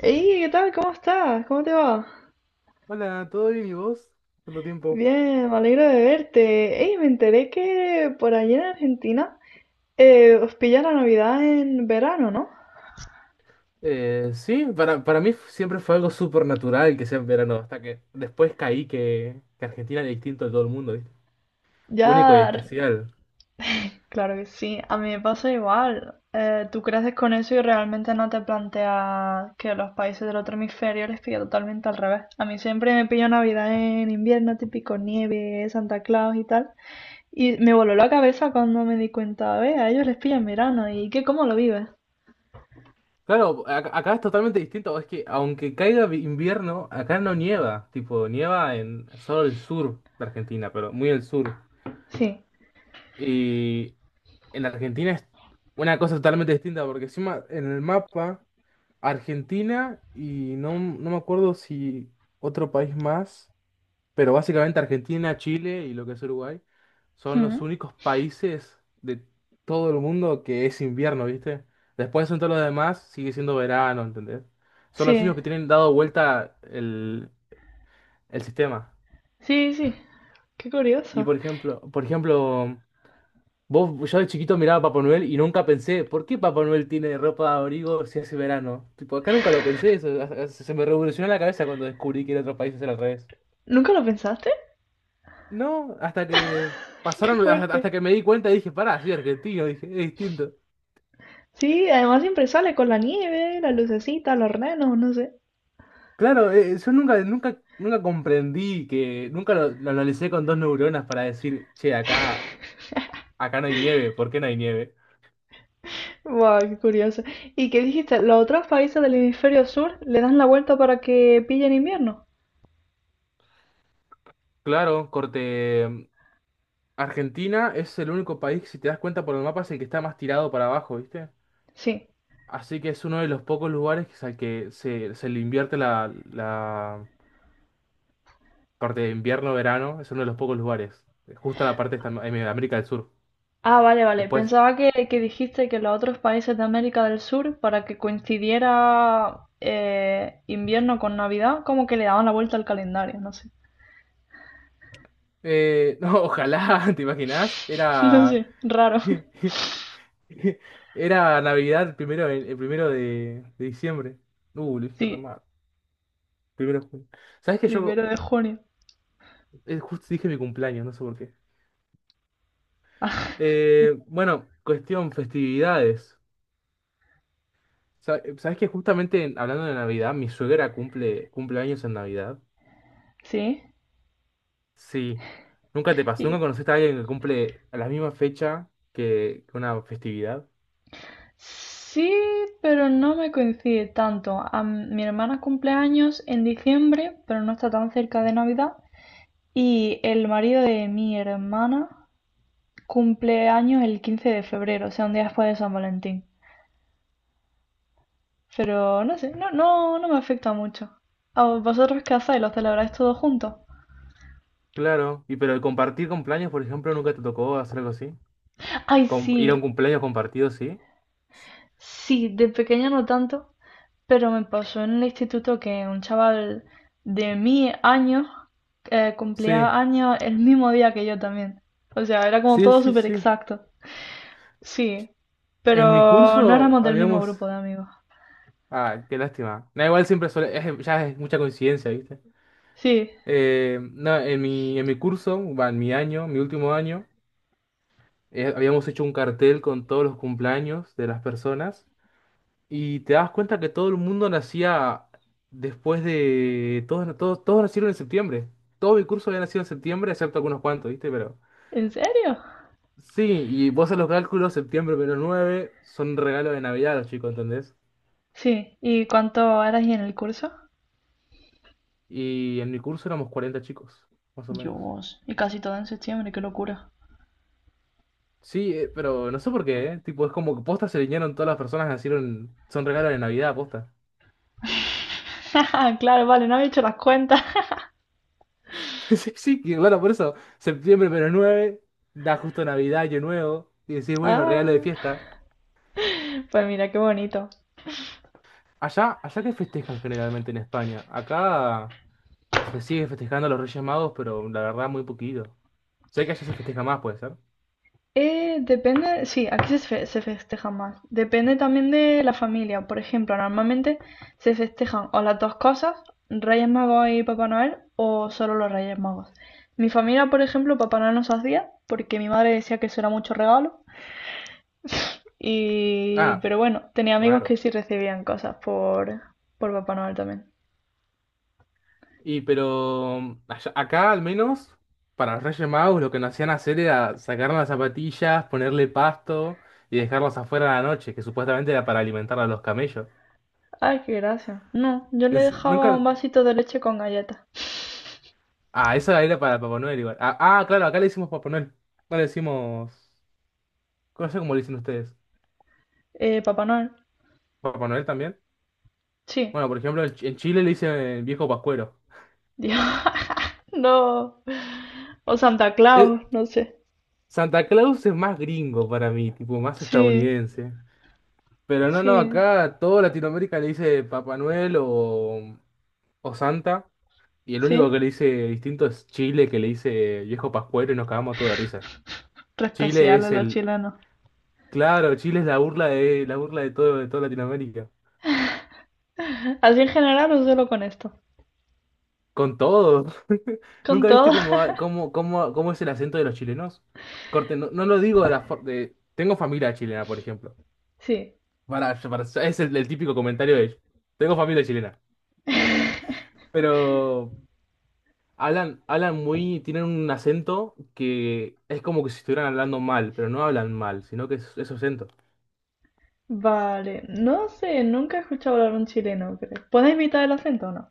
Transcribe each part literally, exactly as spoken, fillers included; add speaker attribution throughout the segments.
Speaker 1: Hey, ¿qué tal? ¿Cómo estás? ¿Cómo te va?
Speaker 2: Hola, ¿todo bien y vos? ¿Cuánto tiempo?
Speaker 1: Bien, me alegro de verte. Hey, me enteré que por allí en Argentina eh, os pilla la Navidad en verano, ¿no?
Speaker 2: Eh, sí, para, para mí siempre fue algo súper natural que sea en verano, hasta que después caí que, que Argentina era distinto de todo el mundo, ¿viste? Único y
Speaker 1: Ya,
Speaker 2: especial.
Speaker 1: claro que sí, a mí me pasa igual. Eh, tú creces con eso y realmente no te planteas que los países del otro hemisferio les pilla totalmente al revés. A mí siempre me pilla Navidad en invierno, típico nieve, Santa Claus y tal. Y me voló la cabeza cuando me di cuenta, ve, a ellos les pilla en verano. ¿Y qué, cómo lo vives?
Speaker 2: Claro, a- acá es totalmente distinto, es que aunque caiga vi- invierno, acá no nieva, tipo, nieva en solo el sur de Argentina, pero muy el sur.
Speaker 1: Sí.
Speaker 2: En Argentina es una cosa totalmente distinta, porque encima en el mapa, Argentina y no, no me acuerdo si otro país más, pero básicamente Argentina, Chile y lo que es Uruguay son los
Speaker 1: Mm.
Speaker 2: únicos países de todo el mundo que es invierno, ¿viste? Después en todos los demás sigue siendo verano, ¿entendés? Son los
Speaker 1: Sí,
Speaker 2: únicos que tienen dado vuelta el, el, sistema.
Speaker 1: sí, sí. Qué
Speaker 2: Y
Speaker 1: curioso.
Speaker 2: por ejemplo, por ejemplo, vos, yo de chiquito miraba a Papá Noel y nunca pensé, ¿por qué Papá Noel tiene ropa de abrigo si hace verano? Tipo, acá nunca lo pensé, eso, a- se me revolucionó la cabeza cuando descubrí que en otros países era al revés.
Speaker 1: ¿Nunca lo pensaste?
Speaker 2: No, hasta que
Speaker 1: Qué
Speaker 2: pasaron, hasta, hasta
Speaker 1: fuerte.
Speaker 2: que me di cuenta y dije, pará, soy argentino, dije, es distinto.
Speaker 1: Sí, además siempre sale con la nieve, la lucecita, los renos, no sé.
Speaker 2: Claro, eh, eh, yo nunca, nunca, nunca comprendí que, nunca lo, lo analicé con dos neuronas para decir, che, acá, acá, no hay nieve, ¿por qué no hay nieve?
Speaker 1: Wow, qué curioso. ¿Y qué dijiste? ¿Los otros países del hemisferio sur le dan la vuelta para que pillen invierno?
Speaker 2: Claro, corte. mm, Argentina es el único país, si te das cuenta por el mapa, es el que está más tirado para abajo, ¿viste?
Speaker 1: Sí.
Speaker 2: Así que es uno de los pocos lugares que- al que se, se le invierte la, la parte de invierno-verano. Es uno de los pocos lugares. Justo en la parte esta- en América del Sur.
Speaker 1: Ah, vale, vale.
Speaker 2: Después.
Speaker 1: Pensaba que, que dijiste que los otros países de América del Sur, para que coincidiera eh, invierno con Navidad, como que le daban la vuelta al calendario, no sé.
Speaker 2: Eh, no, ojalá, ¿te imaginás?
Speaker 1: No
Speaker 2: Era.
Speaker 1: sé, raro.
Speaker 2: Era Navidad el primero, de- el primero de, de diciembre. Uh, lo dije re
Speaker 1: Sí,
Speaker 2: mal. Primero de junio. ¿Sabés que yo
Speaker 1: primero de junio.
Speaker 2: eh, justo dije mi cumpleaños? No sé por qué. Eh, bueno, cuestión festividades. Sa- ¿Sabes que justamente en- hablando de Navidad, mi suegra cumple, cumple años en Navidad?
Speaker 1: Sí.
Speaker 2: Sí. ¿Nunca te pasó? ¿Nunca
Speaker 1: Y-
Speaker 2: conociste a alguien que cumple a la misma fecha que que una festividad?
Speaker 1: sí, pero no me coincide tanto. A m- mi hermana cumple años en diciembre, pero no está tan cerca de Navidad. Y el marido de mi hermana cumple años el quince de febrero, o sea, un día después de San Valentín. Pero no sé, no, no, no me afecta mucho. ¿A vosotros qué hacéis? ¿Lo celebráis todos juntos?
Speaker 2: Claro. ¿Y pero el compartir cumpleaños, por ejemplo, nunca te tocó hacer algo así?
Speaker 1: Ay,
Speaker 2: Com- ¿Ir a
Speaker 1: sí,
Speaker 2: un cumpleaños compartido, sí?
Speaker 1: sí, de pequeña no tanto, pero me pasó en el instituto que un chaval de mi año eh, cumplía
Speaker 2: Sí,
Speaker 1: años el mismo día que yo también. O sea, era como
Speaker 2: sí,
Speaker 1: todo
Speaker 2: sí,
Speaker 1: súper
Speaker 2: sí.
Speaker 1: exacto. Sí,
Speaker 2: En mi
Speaker 1: pero no
Speaker 2: curso
Speaker 1: éramos del mismo
Speaker 2: habíamos...
Speaker 1: grupo de amigos.
Speaker 2: Ah, qué lástima. No, igual siempre suele... es- ya es mucha coincidencia, ¿viste?
Speaker 1: Sí,
Speaker 2: Eh, no, en mi, en mi curso, va, en mi año, mi último año. Eh, habíamos hecho un cartel con todos los cumpleaños de las personas y te das cuenta que todo el mundo nacía después de... Todos, todos, todos nacieron en septiembre. Todo mi curso había nacido en septiembre, excepto algunos cuantos, ¿viste? Pero...
Speaker 1: ¿en serio?
Speaker 2: Sí, y vos haces los cálculos, septiembre menos nueve son regalos de Navidad a los chicos, ¿entendés?
Speaker 1: Sí, ¿y cuánto eras en el curso?
Speaker 2: Y en mi curso éramos cuarenta chicos, más o menos.
Speaker 1: Dios, y casi todo en septiembre, qué locura.
Speaker 2: Sí, eh, pero no sé por qué, ¿eh? Tipo, es como que posta se alinearon todas las personas que nacieron, son regalos de Navidad, posta.
Speaker 1: Claro, vale, no había hecho las cuentas.
Speaker 2: Sí, sí, que bueno, por eso, septiembre menos nueve da justo Navidad, Año Nuevo, y decís, bueno, regalo de
Speaker 1: Ah,
Speaker 2: fiesta.
Speaker 1: pues mira, qué bonito.
Speaker 2: Allá, allá que festejan generalmente en España. Acá se sigue festejando a los Reyes Magos, pero la verdad muy poquito. Sé que allá se festeja más, puede ser.
Speaker 1: Eh, depende, sí, aquí se, fe- se festeja más. Depende también de la familia. Por ejemplo, normalmente se festejan o las dos cosas, Reyes Magos y Papá Noel, o solo los Reyes Magos. Mi familia, por ejemplo, Papá Noel no se hacía porque mi madre decía que eso era mucho regalo. Y,
Speaker 2: Ah,
Speaker 1: pero bueno, tenía amigos que
Speaker 2: raro.
Speaker 1: sí recibían cosas por, por Papá Noel también.
Speaker 2: Y pero allá- acá al menos, para los Reyes Magos lo que nos hacían hacer era sacar las zapatillas, ponerle pasto y dejarlos afuera a la noche, que supuestamente era para alimentar a los camellos.
Speaker 1: Ay, qué gracia. No, yo le
Speaker 2: Es-
Speaker 1: dejaba un
Speaker 2: nunca,
Speaker 1: vasito de leche con galletas.
Speaker 2: Ah, esa era para Papá Noel igual. Ah, ah, claro, acá le decimos Papá Noel. No le decimos. No sé cómo le dicen ustedes.
Speaker 1: Eh, Papá Noel,
Speaker 2: ¿Papá Noel también?
Speaker 1: sí.
Speaker 2: Bueno, por ejemplo, en Ch- en Chile le dicen el viejo Pascuero.
Speaker 1: Yo, no. O Santa
Speaker 2: Eh,
Speaker 1: Claus, no sé.
Speaker 2: Santa Claus es más gringo para mí, tipo, más
Speaker 1: Sí,
Speaker 2: estadounidense. Pero no, no,
Speaker 1: sí,
Speaker 2: acá toda Latinoamérica le dice Papá Noel o, o, Santa. Y el único
Speaker 1: sí.
Speaker 2: que le dice distinto es Chile, que le dice viejo Pascuero y nos cagamos todos de risa.
Speaker 1: Re
Speaker 2: Chile
Speaker 1: especial a
Speaker 2: es
Speaker 1: los
Speaker 2: el.
Speaker 1: chilenos.
Speaker 2: Claro, Chile es la burla de, la burla de todo, de toda Latinoamérica.
Speaker 1: ¿Así en general o solo con esto?
Speaker 2: Con todo.
Speaker 1: Con
Speaker 2: ¿Nunca
Speaker 1: todo.
Speaker 2: viste cómo, ha- cómo, cómo, cómo es el acento de los chilenos? Corte, no, no lo digo de la for- de... Tengo familia chilena, por ejemplo.
Speaker 1: Sí.
Speaker 2: Para, para- es el, el típico comentario de ellos. Tengo familia chilena. Pero hablan, hablan muy... Tienen un acento que es como que si estuvieran hablando mal, pero no hablan mal, sino que es, es su acento.
Speaker 1: Vale. No sé, nunca he escuchado hablar un chileno, creo. ¿Puedes imitar el acento o no?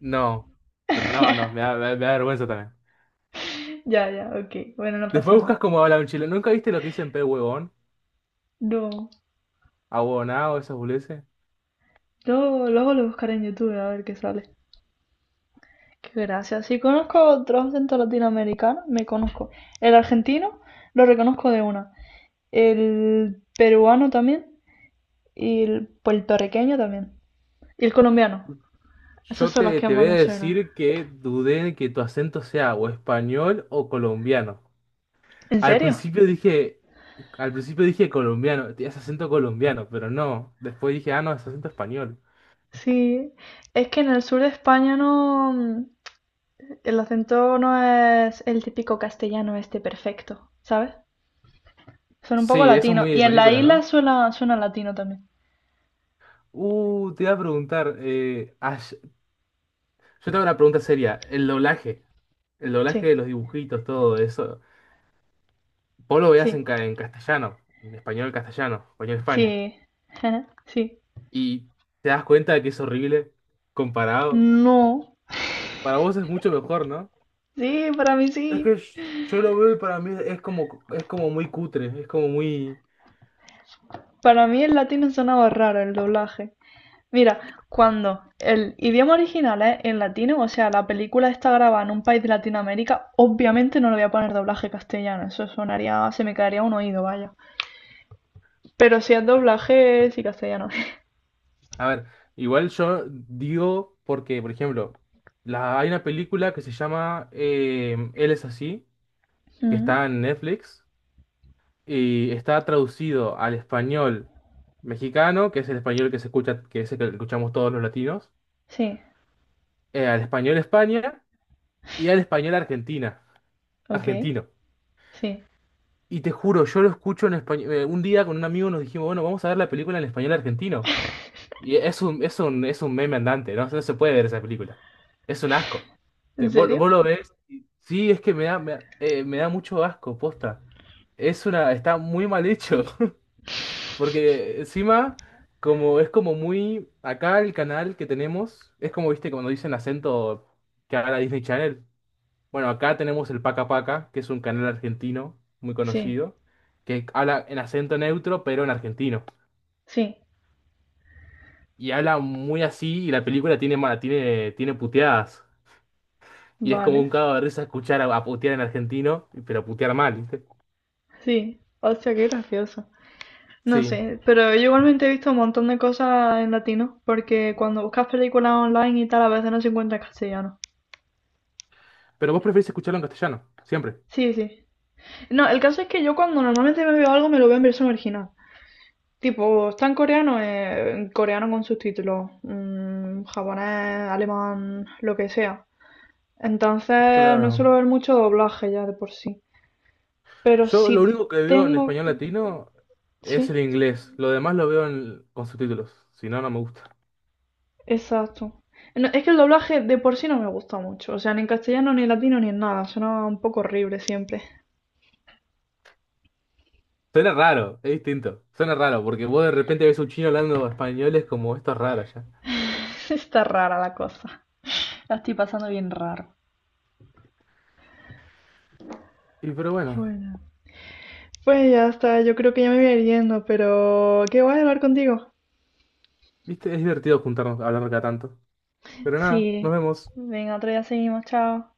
Speaker 2: No. Pero no, no, me da, me da- me da vergüenza también.
Speaker 1: Ya, ya, ok. Bueno, no pasa
Speaker 2: Después buscas
Speaker 1: nada.
Speaker 2: cómo habla un chileno. ¿Nunca viste lo que dicen pe huevón?
Speaker 1: No.
Speaker 2: Ahuevonao, esas boludeces.
Speaker 1: Luego, luego lo buscaré en YouTube a ver qué sale. Qué gracia. Si conozco otros acentos latinoamericanos, me conozco. El argentino lo reconozco de una. El peruano también. Y el puertorriqueño también. Y el colombiano. Esos
Speaker 2: Yo
Speaker 1: son los
Speaker 2: te,
Speaker 1: que
Speaker 2: te voy
Speaker 1: más
Speaker 2: a
Speaker 1: me suenan.
Speaker 2: decir que dudé de que tu acento sea o español o colombiano.
Speaker 1: ¿En
Speaker 2: Al
Speaker 1: serio?
Speaker 2: principio dije, al principio dije colombiano, tienes acento colombiano, pero no. Después dije, ah, no, es acento español.
Speaker 1: Sí. Es que en el sur de España no. mm, El acento no es el típico castellano este perfecto, ¿sabes? Son un poco
Speaker 2: Sí, eso es
Speaker 1: latino
Speaker 2: muy
Speaker 1: y
Speaker 2: de
Speaker 1: en la
Speaker 2: película,
Speaker 1: isla
Speaker 2: ¿no?
Speaker 1: suena, suena latino también.
Speaker 2: Uh, te iba a preguntar, eh, ay- yo tengo una pregunta seria, el doblaje, el doblaje
Speaker 1: Sí,
Speaker 2: de los dibujitos, todo eso. Vos lo veías
Speaker 1: sí,
Speaker 2: en, ca- en castellano, en español castellano, español España.
Speaker 1: sí. Sí.
Speaker 2: Y te das cuenta de que es horrible comparado.
Speaker 1: No.
Speaker 2: Para vos es mucho mejor, ¿no?
Speaker 1: Sí, para mí
Speaker 2: Es que
Speaker 1: sí.
Speaker 2: yo lo veo y para mí es como, es como muy cutre, es como muy...
Speaker 1: Para mí el latino sonaba raro el doblaje. Mira, cuando el idioma original es en latino, o sea, la película está grabada en un país de Latinoamérica, obviamente no le voy a poner doblaje castellano, eso sonaría, se me caería un oído, vaya. Pero si es doblaje, sí castellano.
Speaker 2: A ver, igual yo digo porque, por ejemplo, la, hay una película que se llama eh, Él es así, que
Speaker 1: Mm,
Speaker 2: está en Netflix y está traducido al español mexicano, que es el español que se escucha, que es el que escuchamos todos los latinos,
Speaker 1: sí,
Speaker 2: eh, al español España y al español Argentina,
Speaker 1: ok,
Speaker 2: argentino.
Speaker 1: sí.
Speaker 2: Y te juro, yo lo escucho en español. Eh, un día con un amigo nos dijimos, bueno, vamos a ver la película en español argentino. Y es un, es un, es un meme andante, ¿no? No se puede ver esa película. Es un asco.
Speaker 1: ¿En
Speaker 2: Te- vos,
Speaker 1: serio?
Speaker 2: vos lo ves. y- Sí, es que me da, me, da eh, me da mucho asco, posta. Es una, está muy mal hecho. Porque encima, como es como muy. Acá el canal que tenemos, es como, viste, cuando dicen acento que habla Disney Channel. Bueno, acá tenemos el Paca Paca, que es un canal argentino muy
Speaker 1: Sí,
Speaker 2: conocido, que habla en acento neutro, pero en argentino.
Speaker 1: sí,
Speaker 2: Y habla muy así, y la película tiene, ma- tiene, tiene puteadas. Y es como
Speaker 1: vale,
Speaker 2: un cago de risa escuchar a, a putear en argentino, pero putear mal, ¿viste?
Speaker 1: sí. Hostia, qué gracioso. No
Speaker 2: Sí.
Speaker 1: sé, pero yo igualmente he visto un montón de cosas en latino, porque cuando buscas películas online y tal, a veces no se encuentra en castellano.
Speaker 2: Pero vos preferís escucharlo en castellano, siempre.
Speaker 1: Sí, sí. No, el caso es que yo cuando normalmente me veo algo me lo veo en versión original. Tipo, está en coreano, eh, en coreano con subtítulos, mm, japonés, alemán, lo que sea. Entonces no
Speaker 2: Claro.
Speaker 1: suelo ver mucho doblaje ya de por sí. Pero
Speaker 2: Yo lo
Speaker 1: si
Speaker 2: único que veo en
Speaker 1: tengo...
Speaker 2: español latino es el
Speaker 1: Sí,
Speaker 2: inglés. Lo demás lo veo en- con subtítulos. Si no, no me gusta.
Speaker 1: exacto. No, es que el doblaje de por sí no me gusta mucho. O sea, ni en castellano, ni en latino, ni en nada. Suena un poco horrible siempre.
Speaker 2: Suena raro, es distinto. Suena raro, porque vos de repente ves un chino hablando español, es como esto es raro ya.
Speaker 1: Está rara la cosa. La estoy pasando bien raro.
Speaker 2: Y pero bueno,
Speaker 1: Bueno. Pues ya está, yo creo que ya me voy a ir yendo, pero qué guay hablar contigo.
Speaker 2: viste, es divertido juntarnos a hablar cada tanto. Pero nada, nos
Speaker 1: Sí,
Speaker 2: vemos.
Speaker 1: venga, otro día seguimos, chao.